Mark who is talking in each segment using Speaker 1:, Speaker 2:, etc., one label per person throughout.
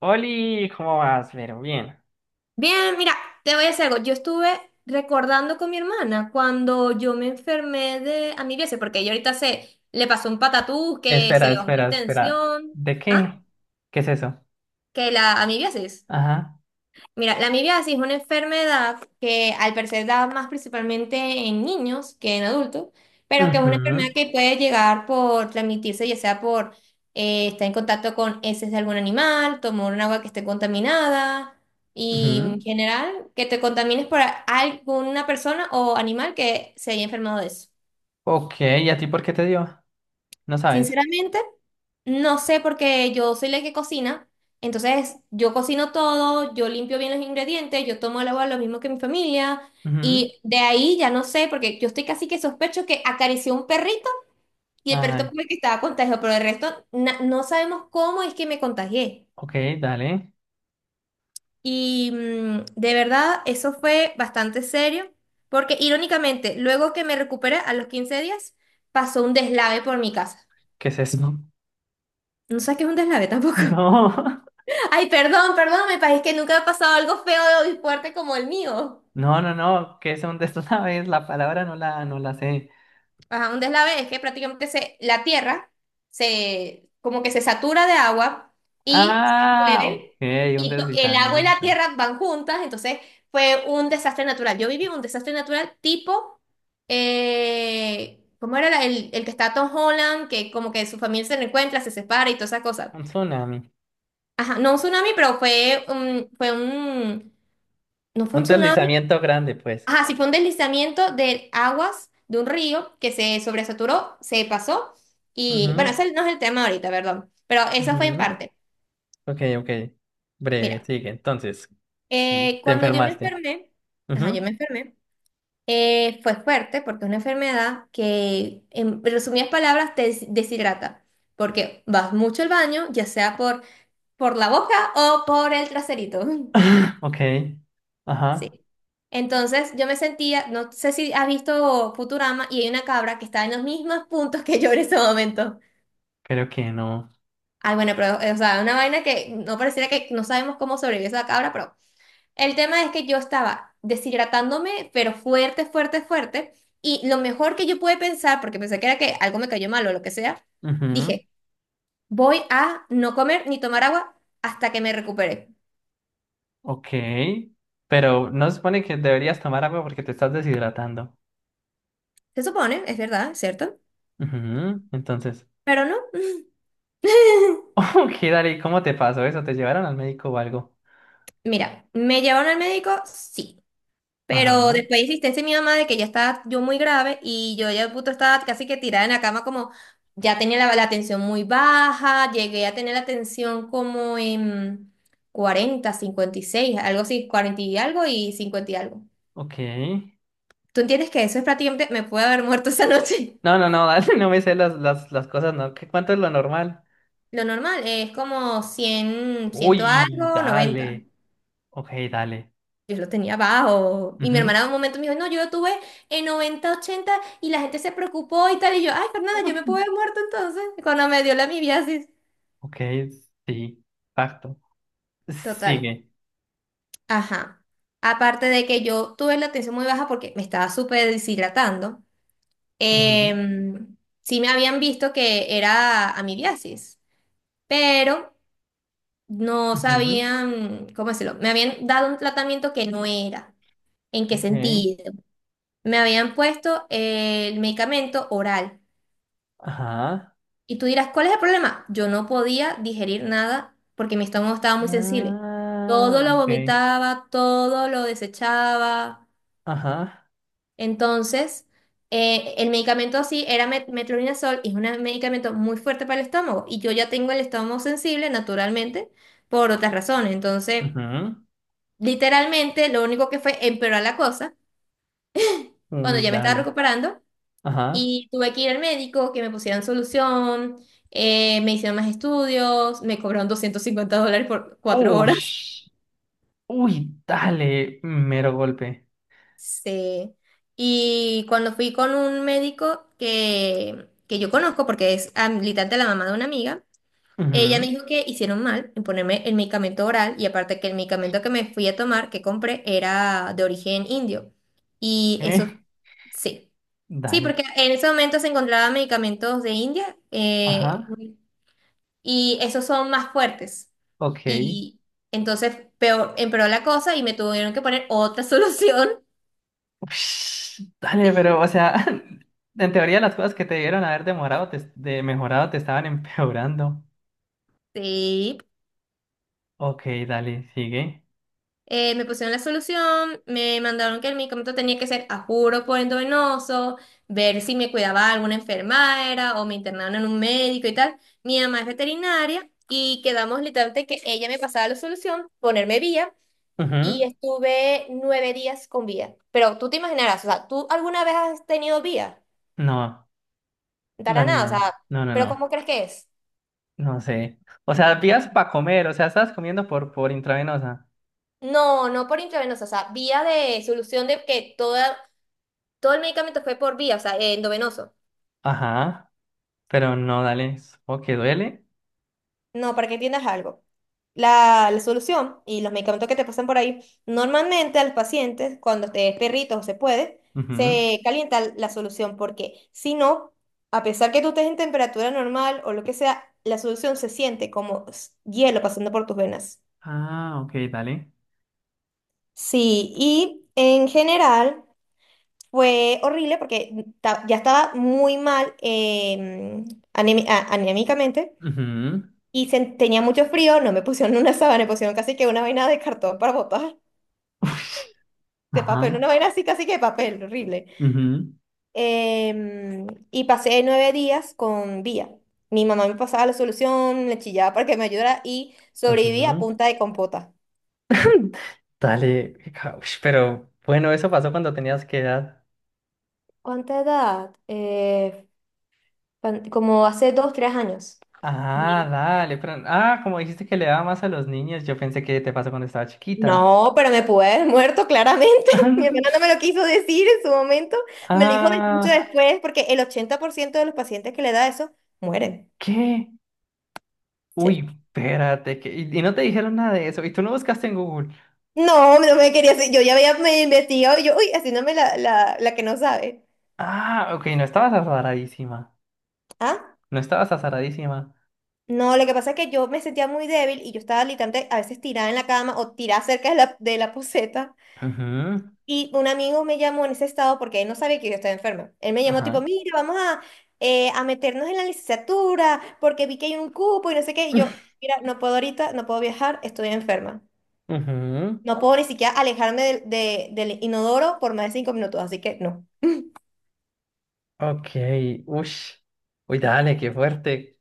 Speaker 1: Oli, ¿cómo vas? Pero bien.
Speaker 2: Bien, mira, te voy a decir algo. Yo estuve recordando con mi hermana cuando yo me enfermé de amibiasis, porque ella ahorita se le pasó un patatús, que se
Speaker 1: Espera,
Speaker 2: le bajó la
Speaker 1: espera, espera.
Speaker 2: tensión.
Speaker 1: ¿De
Speaker 2: Ah,
Speaker 1: qué? ¿Qué es eso?
Speaker 2: que la amibiasis.
Speaker 1: Ajá.
Speaker 2: Mira, la amibiasis es una enfermedad que al parecer da más principalmente en niños que en adultos, pero que es una enfermedad
Speaker 1: Ujú,
Speaker 2: que puede llegar por transmitirse, ya sea por estar en contacto con heces de algún animal, tomar un agua que esté contaminada y en
Speaker 1: ujú.
Speaker 2: general que te contamines por alguna persona o animal que se haya enfermado de eso.
Speaker 1: Ok, ¿y a ti por qué te dio? No sabes.
Speaker 2: Sinceramente, no sé porque yo soy la que cocina, entonces yo cocino todo, yo limpio bien los ingredientes, yo tomo el agua lo mismo que mi familia
Speaker 1: Ujú.
Speaker 2: y de ahí ya no sé porque yo estoy casi que sospecho que acarició un perrito y el perrito
Speaker 1: Ay,
Speaker 2: fue el que estaba contagiado, pero el resto no sabemos cómo es que me contagié.
Speaker 1: ok, dale.
Speaker 2: Y de verdad eso fue bastante serio porque irónicamente luego que me recuperé a los 15 días pasó un deslave por mi casa.
Speaker 1: ¿Qué es eso?
Speaker 2: No sabes qué es un deslave tampoco.
Speaker 1: No,
Speaker 2: Ay, perdón, perdón, me parece que nunca ha pasado algo feo y fuerte como el mío.
Speaker 1: no, no, no. ¿Qué es un des- sabes? La palabra no la sé.
Speaker 2: Ajá, un deslave es que prácticamente la tierra como que se satura de agua y se
Speaker 1: Ah, ok,
Speaker 2: mueve,
Speaker 1: un
Speaker 2: y el agua y la
Speaker 1: deslizamiento.
Speaker 2: tierra van juntas, entonces fue un desastre natural. Yo viví un desastre natural tipo, ¿cómo era el que está Tom Holland, que como que su familia se reencuentra, se separa y todas esas cosas?
Speaker 1: Un tsunami.
Speaker 2: Ajá, no un tsunami, pero no fue un
Speaker 1: Un
Speaker 2: tsunami.
Speaker 1: deslizamiento grande, pues.
Speaker 2: Ajá, sí fue un deslizamiento de aguas de un río que se sobresaturó, se pasó y bueno,
Speaker 1: Ujú,
Speaker 2: ese no es el tema ahorita, perdón, pero eso fue en
Speaker 1: ujú.
Speaker 2: parte.
Speaker 1: Ok, ok. Breve,
Speaker 2: Mira,
Speaker 1: sigue. Entonces, sí, te
Speaker 2: cuando yo me
Speaker 1: enfermaste.
Speaker 2: enfermé, ajá,
Speaker 1: Ujú.
Speaker 2: yo me enfermé, fue fuerte porque es una enfermedad que, en resumidas palabras, te deshidrata, porque vas mucho al baño, ya sea por la boca o por el traserito.
Speaker 1: Ok. Ajá.
Speaker 2: Sí. Entonces yo me sentía, no sé si has visto Futurama y hay una cabra que está en los mismos puntos que yo en ese momento.
Speaker 1: Creo que no.
Speaker 2: Ay, bueno, pero, o sea, una vaina que no pareciera que no sabemos cómo sobrevivió esa cabra, pero el tema es que yo estaba deshidratándome, pero fuerte, fuerte, fuerte. Y lo mejor que yo pude pensar, porque pensé que era que algo me cayó mal o lo que sea,
Speaker 1: Ujú.
Speaker 2: dije, voy a no comer ni tomar agua hasta que me recupere.
Speaker 1: Ok. Pero no se supone que deberías tomar agua porque te estás deshidratando.
Speaker 2: Se supone, es verdad, ¿cierto?
Speaker 1: Ujú. Entonces,
Speaker 2: Pero no.
Speaker 1: ok, dale, ¿cómo te pasó eso? ¿Te llevaron al médico o algo?
Speaker 2: Mira, ¿me llevaron al médico? Sí. Pero
Speaker 1: Ajá.
Speaker 2: después insistí mi mamá de que ya estaba yo muy grave y yo ya puto estaba casi que tirada en la cama como ya tenía la tensión muy baja, llegué a tener la tensión como en 40, 56, algo así, 40 y algo y 50 y algo.
Speaker 1: Ok.
Speaker 2: ¿Tú entiendes que eso es prácticamente, me puede haber muerto esa noche?
Speaker 1: No, no, no, dale, no me sé las cosas, ¿no? ¿Qué, cuánto es lo normal?
Speaker 2: Lo normal es como 100, 100
Speaker 1: Uy,
Speaker 2: algo, 90.
Speaker 1: dale. Ok, dale.
Speaker 2: Yo lo tenía bajo. Y mi
Speaker 1: Ujú.
Speaker 2: hermana en un momento me dijo, no, yo lo tuve en 90/80 y la gente se preocupó y tal. Y yo, ay, Fernanda, yo me pude haber muerto entonces cuando me dio la amibiasis.
Speaker 1: Ok, sí, exacto.
Speaker 2: Total.
Speaker 1: Sigue.
Speaker 2: Ajá. Aparte de que yo tuve la tensión muy baja porque me estaba súper deshidratando,
Speaker 1: Ujú,
Speaker 2: sí me habían visto que era amibiasis, pero no
Speaker 1: ujú,
Speaker 2: sabían, ¿cómo decirlo? Me habían dado un tratamiento que no era. ¿En qué
Speaker 1: Ok,
Speaker 2: sentido? Me habían puesto el medicamento oral.
Speaker 1: ajá.
Speaker 2: Y tú dirás, ¿cuál es el problema? Yo no podía digerir nada porque mi estómago estaba muy sensible. Todo
Speaker 1: Ah,
Speaker 2: lo
Speaker 1: ok,
Speaker 2: vomitaba, todo lo desechaba.
Speaker 1: ajá.
Speaker 2: Entonces, el medicamento así era metronidazol y es un medicamento muy fuerte para el estómago. Y yo ya tengo el estómago sensible naturalmente por otras razones. Entonces, literalmente, lo único que fue empeorar la cosa
Speaker 1: Ujú,
Speaker 2: cuando
Speaker 1: uy,
Speaker 2: ya me estaba
Speaker 1: dale.
Speaker 2: recuperando.
Speaker 1: Ajá.
Speaker 2: Y tuve que ir al médico, que me pusieran solución, me hicieron más estudios, me cobraron $250 por 4 horas.
Speaker 1: Ush, uy, dale. Mero golpe.
Speaker 2: Sí. Y cuando fui con un médico que yo conozco, porque es habilitante de la mamá de una amiga, ella me
Speaker 1: Ujú,
Speaker 2: dijo que hicieron mal en ponerme el medicamento oral y aparte que el medicamento que me fui a tomar, que compré, era de origen indio. Y
Speaker 1: eh,
Speaker 2: eso, sí. Sí,
Speaker 1: dale.
Speaker 2: porque en ese momento se encontraban medicamentos de India.
Speaker 1: Ajá.
Speaker 2: Y esos son más fuertes.
Speaker 1: Ok.
Speaker 2: Y entonces peor, empeoró la cosa y me tuvieron que poner otra solución.
Speaker 1: Ush, dale, pero, o
Speaker 2: Sí,
Speaker 1: sea, en teoría las cosas que te dieron haber demorado, de mejorado, te estaban empeorando.
Speaker 2: sí.
Speaker 1: Ok, dale, sigue.
Speaker 2: Me pusieron la solución, me mandaron que el medicamento tenía que ser a juro por endovenoso, ver si me cuidaba alguna enfermera o me internaron en un médico y tal. Mi mamá es veterinaria y quedamos literalmente que ella me pasaba la solución, ponerme vía y
Speaker 1: Ujú.
Speaker 2: estuve 9 días con vía. Pero tú te imaginarás, o sea, ¿tú alguna vez has tenido vía?
Speaker 1: No,
Speaker 2: Para
Speaker 1: dale,
Speaker 2: nada, o sea,
Speaker 1: no. No, no,
Speaker 2: pero ¿cómo
Speaker 1: no.
Speaker 2: crees que es?
Speaker 1: No sé. O sea, vías para comer, o sea, estabas comiendo por intravenosa.
Speaker 2: No, no por intravenosa, o sea, vía de solución de que todo el medicamento fue por vía, o sea, endovenoso.
Speaker 1: Ajá, pero no, dale. O que duele.
Speaker 2: No, para que entiendas algo. La solución y los medicamentos que te pasan por ahí, normalmente al paciente, cuando te es perrito o se puede,
Speaker 1: Ujú.
Speaker 2: se calienta la solución, porque si no, a pesar que tú estés en temperatura normal o lo que sea, la solución se siente como hielo pasando por tus venas.
Speaker 1: Ah, ok, dale.
Speaker 2: Sí, y en general. Fue horrible porque ya estaba muy mal anímicamente
Speaker 1: Ujú.
Speaker 2: y tenía mucho frío, no me pusieron una sábana, me pusieron casi que una vaina de cartón para botar,
Speaker 1: Ush.
Speaker 2: de papel,
Speaker 1: Ajá.
Speaker 2: una vaina así casi que de papel, horrible.
Speaker 1: Ujú.
Speaker 2: Y pasé 9 días con vía. Mi mamá me pasaba la solución, le chillaba para que me ayudara y sobreviví a
Speaker 1: Ujú.
Speaker 2: punta de compota.
Speaker 1: Dale, ush, pero bueno, eso pasó cuando tenías qué edad.
Speaker 2: ¿Cuánta edad? Como hace 2, 3 años.
Speaker 1: Ah, dale, pero ah, como dijiste que le daba más a los niños, yo pensé que te pasó cuando estaba chiquita.
Speaker 2: No, pero me pude haber muerto claramente. Mi hermana no me lo quiso decir en su momento. Me lo dijo mucho
Speaker 1: Ah,
Speaker 2: después porque el 80% de los pacientes que le da eso mueren.
Speaker 1: ¿qué?
Speaker 2: Sí.
Speaker 1: Uy, espérate, que y no te dijeron nada de eso, y tú no buscaste en Google.
Speaker 2: No, no me quería hacer. Yo ya había me investigado y yo, uy, haciéndome la que no sabe.
Speaker 1: Ah, ok, no estabas azaradísima.
Speaker 2: ¿Ah?
Speaker 1: No estabas azaradísima.
Speaker 2: No, lo que pasa es que yo me sentía muy débil y yo estaba literalmente a veces tirada en la cama o tirada cerca de la, poceta.
Speaker 1: Ujú,
Speaker 2: Y un amigo me llamó en ese estado porque él no sabía que yo estaba enferma. Él me llamó tipo,
Speaker 1: ajá.
Speaker 2: mira, vamos a meternos en la licenciatura porque vi que hay un cupo y no sé qué. Y yo, mira, no puedo ahorita, no puedo viajar, estoy enferma.
Speaker 1: Ujú,
Speaker 2: No puedo ni siquiera alejarme del inodoro por más de 5 minutos, así que no.
Speaker 1: ok, ush. Uy, dale, qué fuerte.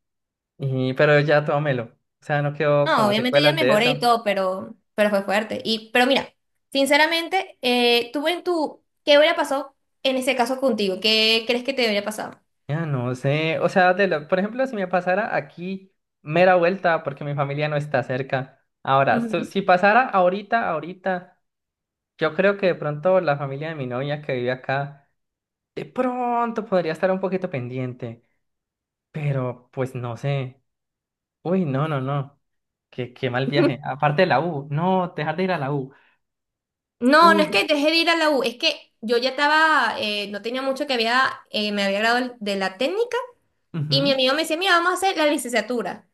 Speaker 1: Y, pero ya tómelo. O sea, no quedó
Speaker 2: No,
Speaker 1: como
Speaker 2: obviamente ya
Speaker 1: secuelas de
Speaker 2: mejoré
Speaker 1: eso.
Speaker 2: y todo, pero fue fuerte. Y, pero mira, sinceramente, tú ¿qué hubiera pasado en ese caso contigo? ¿Qué crees que te hubiera pasado?
Speaker 1: Ya no sé. O sea, por ejemplo, si me pasara aquí, mera vuelta, porque mi familia no está cerca. Ahora,
Speaker 2: Ujú.
Speaker 1: si pasara ahorita, ahorita, yo creo que de pronto la familia de mi novia que vive acá. De pronto podría estar un poquito pendiente, pero pues no sé. Uy, no, no, no. Qué, qué mal viaje. Aparte de la U. No, dejar de ir a la U.
Speaker 2: No, no es que
Speaker 1: Uy.
Speaker 2: dejé de ir a la U, es que yo ya estaba, no tenía mucho que había, me había graduado de la técnica y mi
Speaker 1: Ujú,
Speaker 2: amigo me decía, mira, vamos a hacer la licenciatura.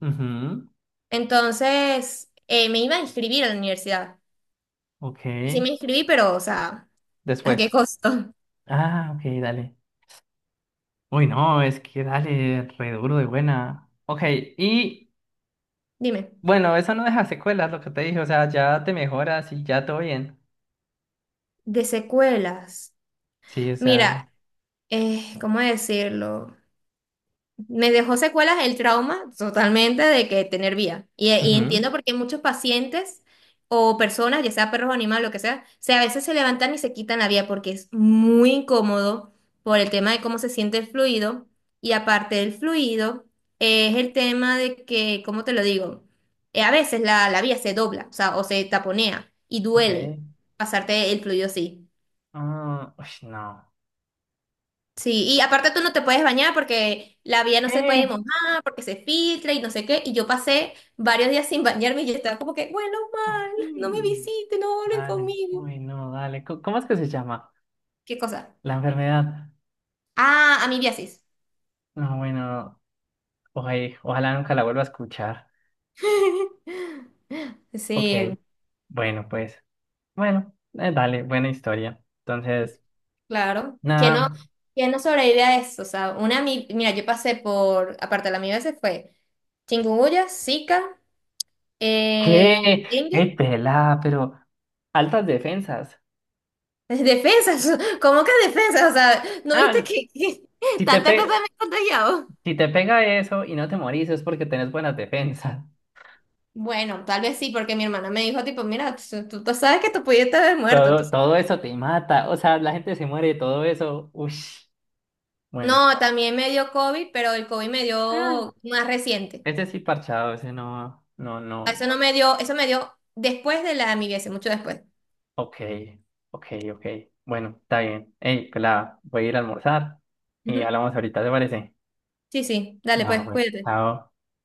Speaker 1: ujú,
Speaker 2: Entonces, me iba a inscribir a la universidad.
Speaker 1: ok.
Speaker 2: Y sí me inscribí, pero, o sea, ¿a qué
Speaker 1: Después.
Speaker 2: costo?
Speaker 1: Ah, ok, dale. Uy, no, es que dale, re duro de buena. Ok, y
Speaker 2: Dime.
Speaker 1: bueno, eso no deja secuelas, lo que te dije. O sea, ya te mejoras y ya todo bien.
Speaker 2: De secuelas.
Speaker 1: Sí, o sea.
Speaker 2: Mira, ¿cómo decirlo? Me dejó secuelas el trauma totalmente de que tener vía. Y
Speaker 1: Ujú,
Speaker 2: entiendo porque muchos pacientes o personas, ya sea perros o animales, lo que sea, a veces se levantan y se quitan la vía porque es muy incómodo por el tema de cómo se siente el fluido. Y aparte del fluido, es el tema de que, ¿cómo te lo digo? A veces la vía se dobla, o sea, o se taponea y
Speaker 1: ok.
Speaker 2: duele pasarte el fluido así.
Speaker 1: Ah, uy, no.
Speaker 2: Sí, y aparte tú no te puedes bañar porque la vía no se puede
Speaker 1: ¿Qué?
Speaker 2: mojar, porque se filtra y no sé qué. Y yo pasé varios días sin bañarme y yo estaba como que, bueno, mal, no me visiten, no hablen
Speaker 1: Dale,
Speaker 2: conmigo.
Speaker 1: uy, no, dale. ¿Cómo es que se llama?
Speaker 2: ¿Qué cosa?
Speaker 1: La enfermedad.
Speaker 2: Ah, amibiasis.
Speaker 1: No, bueno, oye, ojalá nunca la vuelva a escuchar. Ok,
Speaker 2: Sí,
Speaker 1: bueno, pues, bueno, dale, buena historia. Entonces,
Speaker 2: claro.
Speaker 1: nada,
Speaker 2: Quién no sobrevive a eso? O sea, una mira, yo aparte de la amibiasis fue chikungunya, Zika,
Speaker 1: ¿qué?
Speaker 2: dengue.
Speaker 1: Ey, pelá, pero altas defensas.
Speaker 2: Defensas, ¿cómo que defensas? O sea, ¿no viste
Speaker 1: Ah,
Speaker 2: que, que
Speaker 1: si te
Speaker 2: tantas cosas
Speaker 1: pe-
Speaker 2: me he contagiado?
Speaker 1: si te pega eso y no te morís es porque tenés buenas defensas.
Speaker 2: Bueno, tal vez sí, porque mi hermana me dijo, tipo, mira, tú sabes que tú pudiste haber muerto,
Speaker 1: Todo,
Speaker 2: entonces.
Speaker 1: todo eso te mata, o sea, la gente se muere de todo eso. Ush, bueno.
Speaker 2: No, también me dio COVID, pero el COVID me
Speaker 1: Ah,
Speaker 2: dio más reciente.
Speaker 1: ese sí parchado, ese no, no, no.
Speaker 2: Eso no me dio, eso me dio después de la amigáis, mucho después.
Speaker 1: Ok, ok, ok. Bueno, está bien. Hey, pues la voy a ir a almorzar y
Speaker 2: Ujú.
Speaker 1: hablamos ahorita, ¿te parece?
Speaker 2: Sí, sí, dale,
Speaker 1: Va,
Speaker 2: pues,
Speaker 1: pues,
Speaker 2: cuídate.
Speaker 1: chao.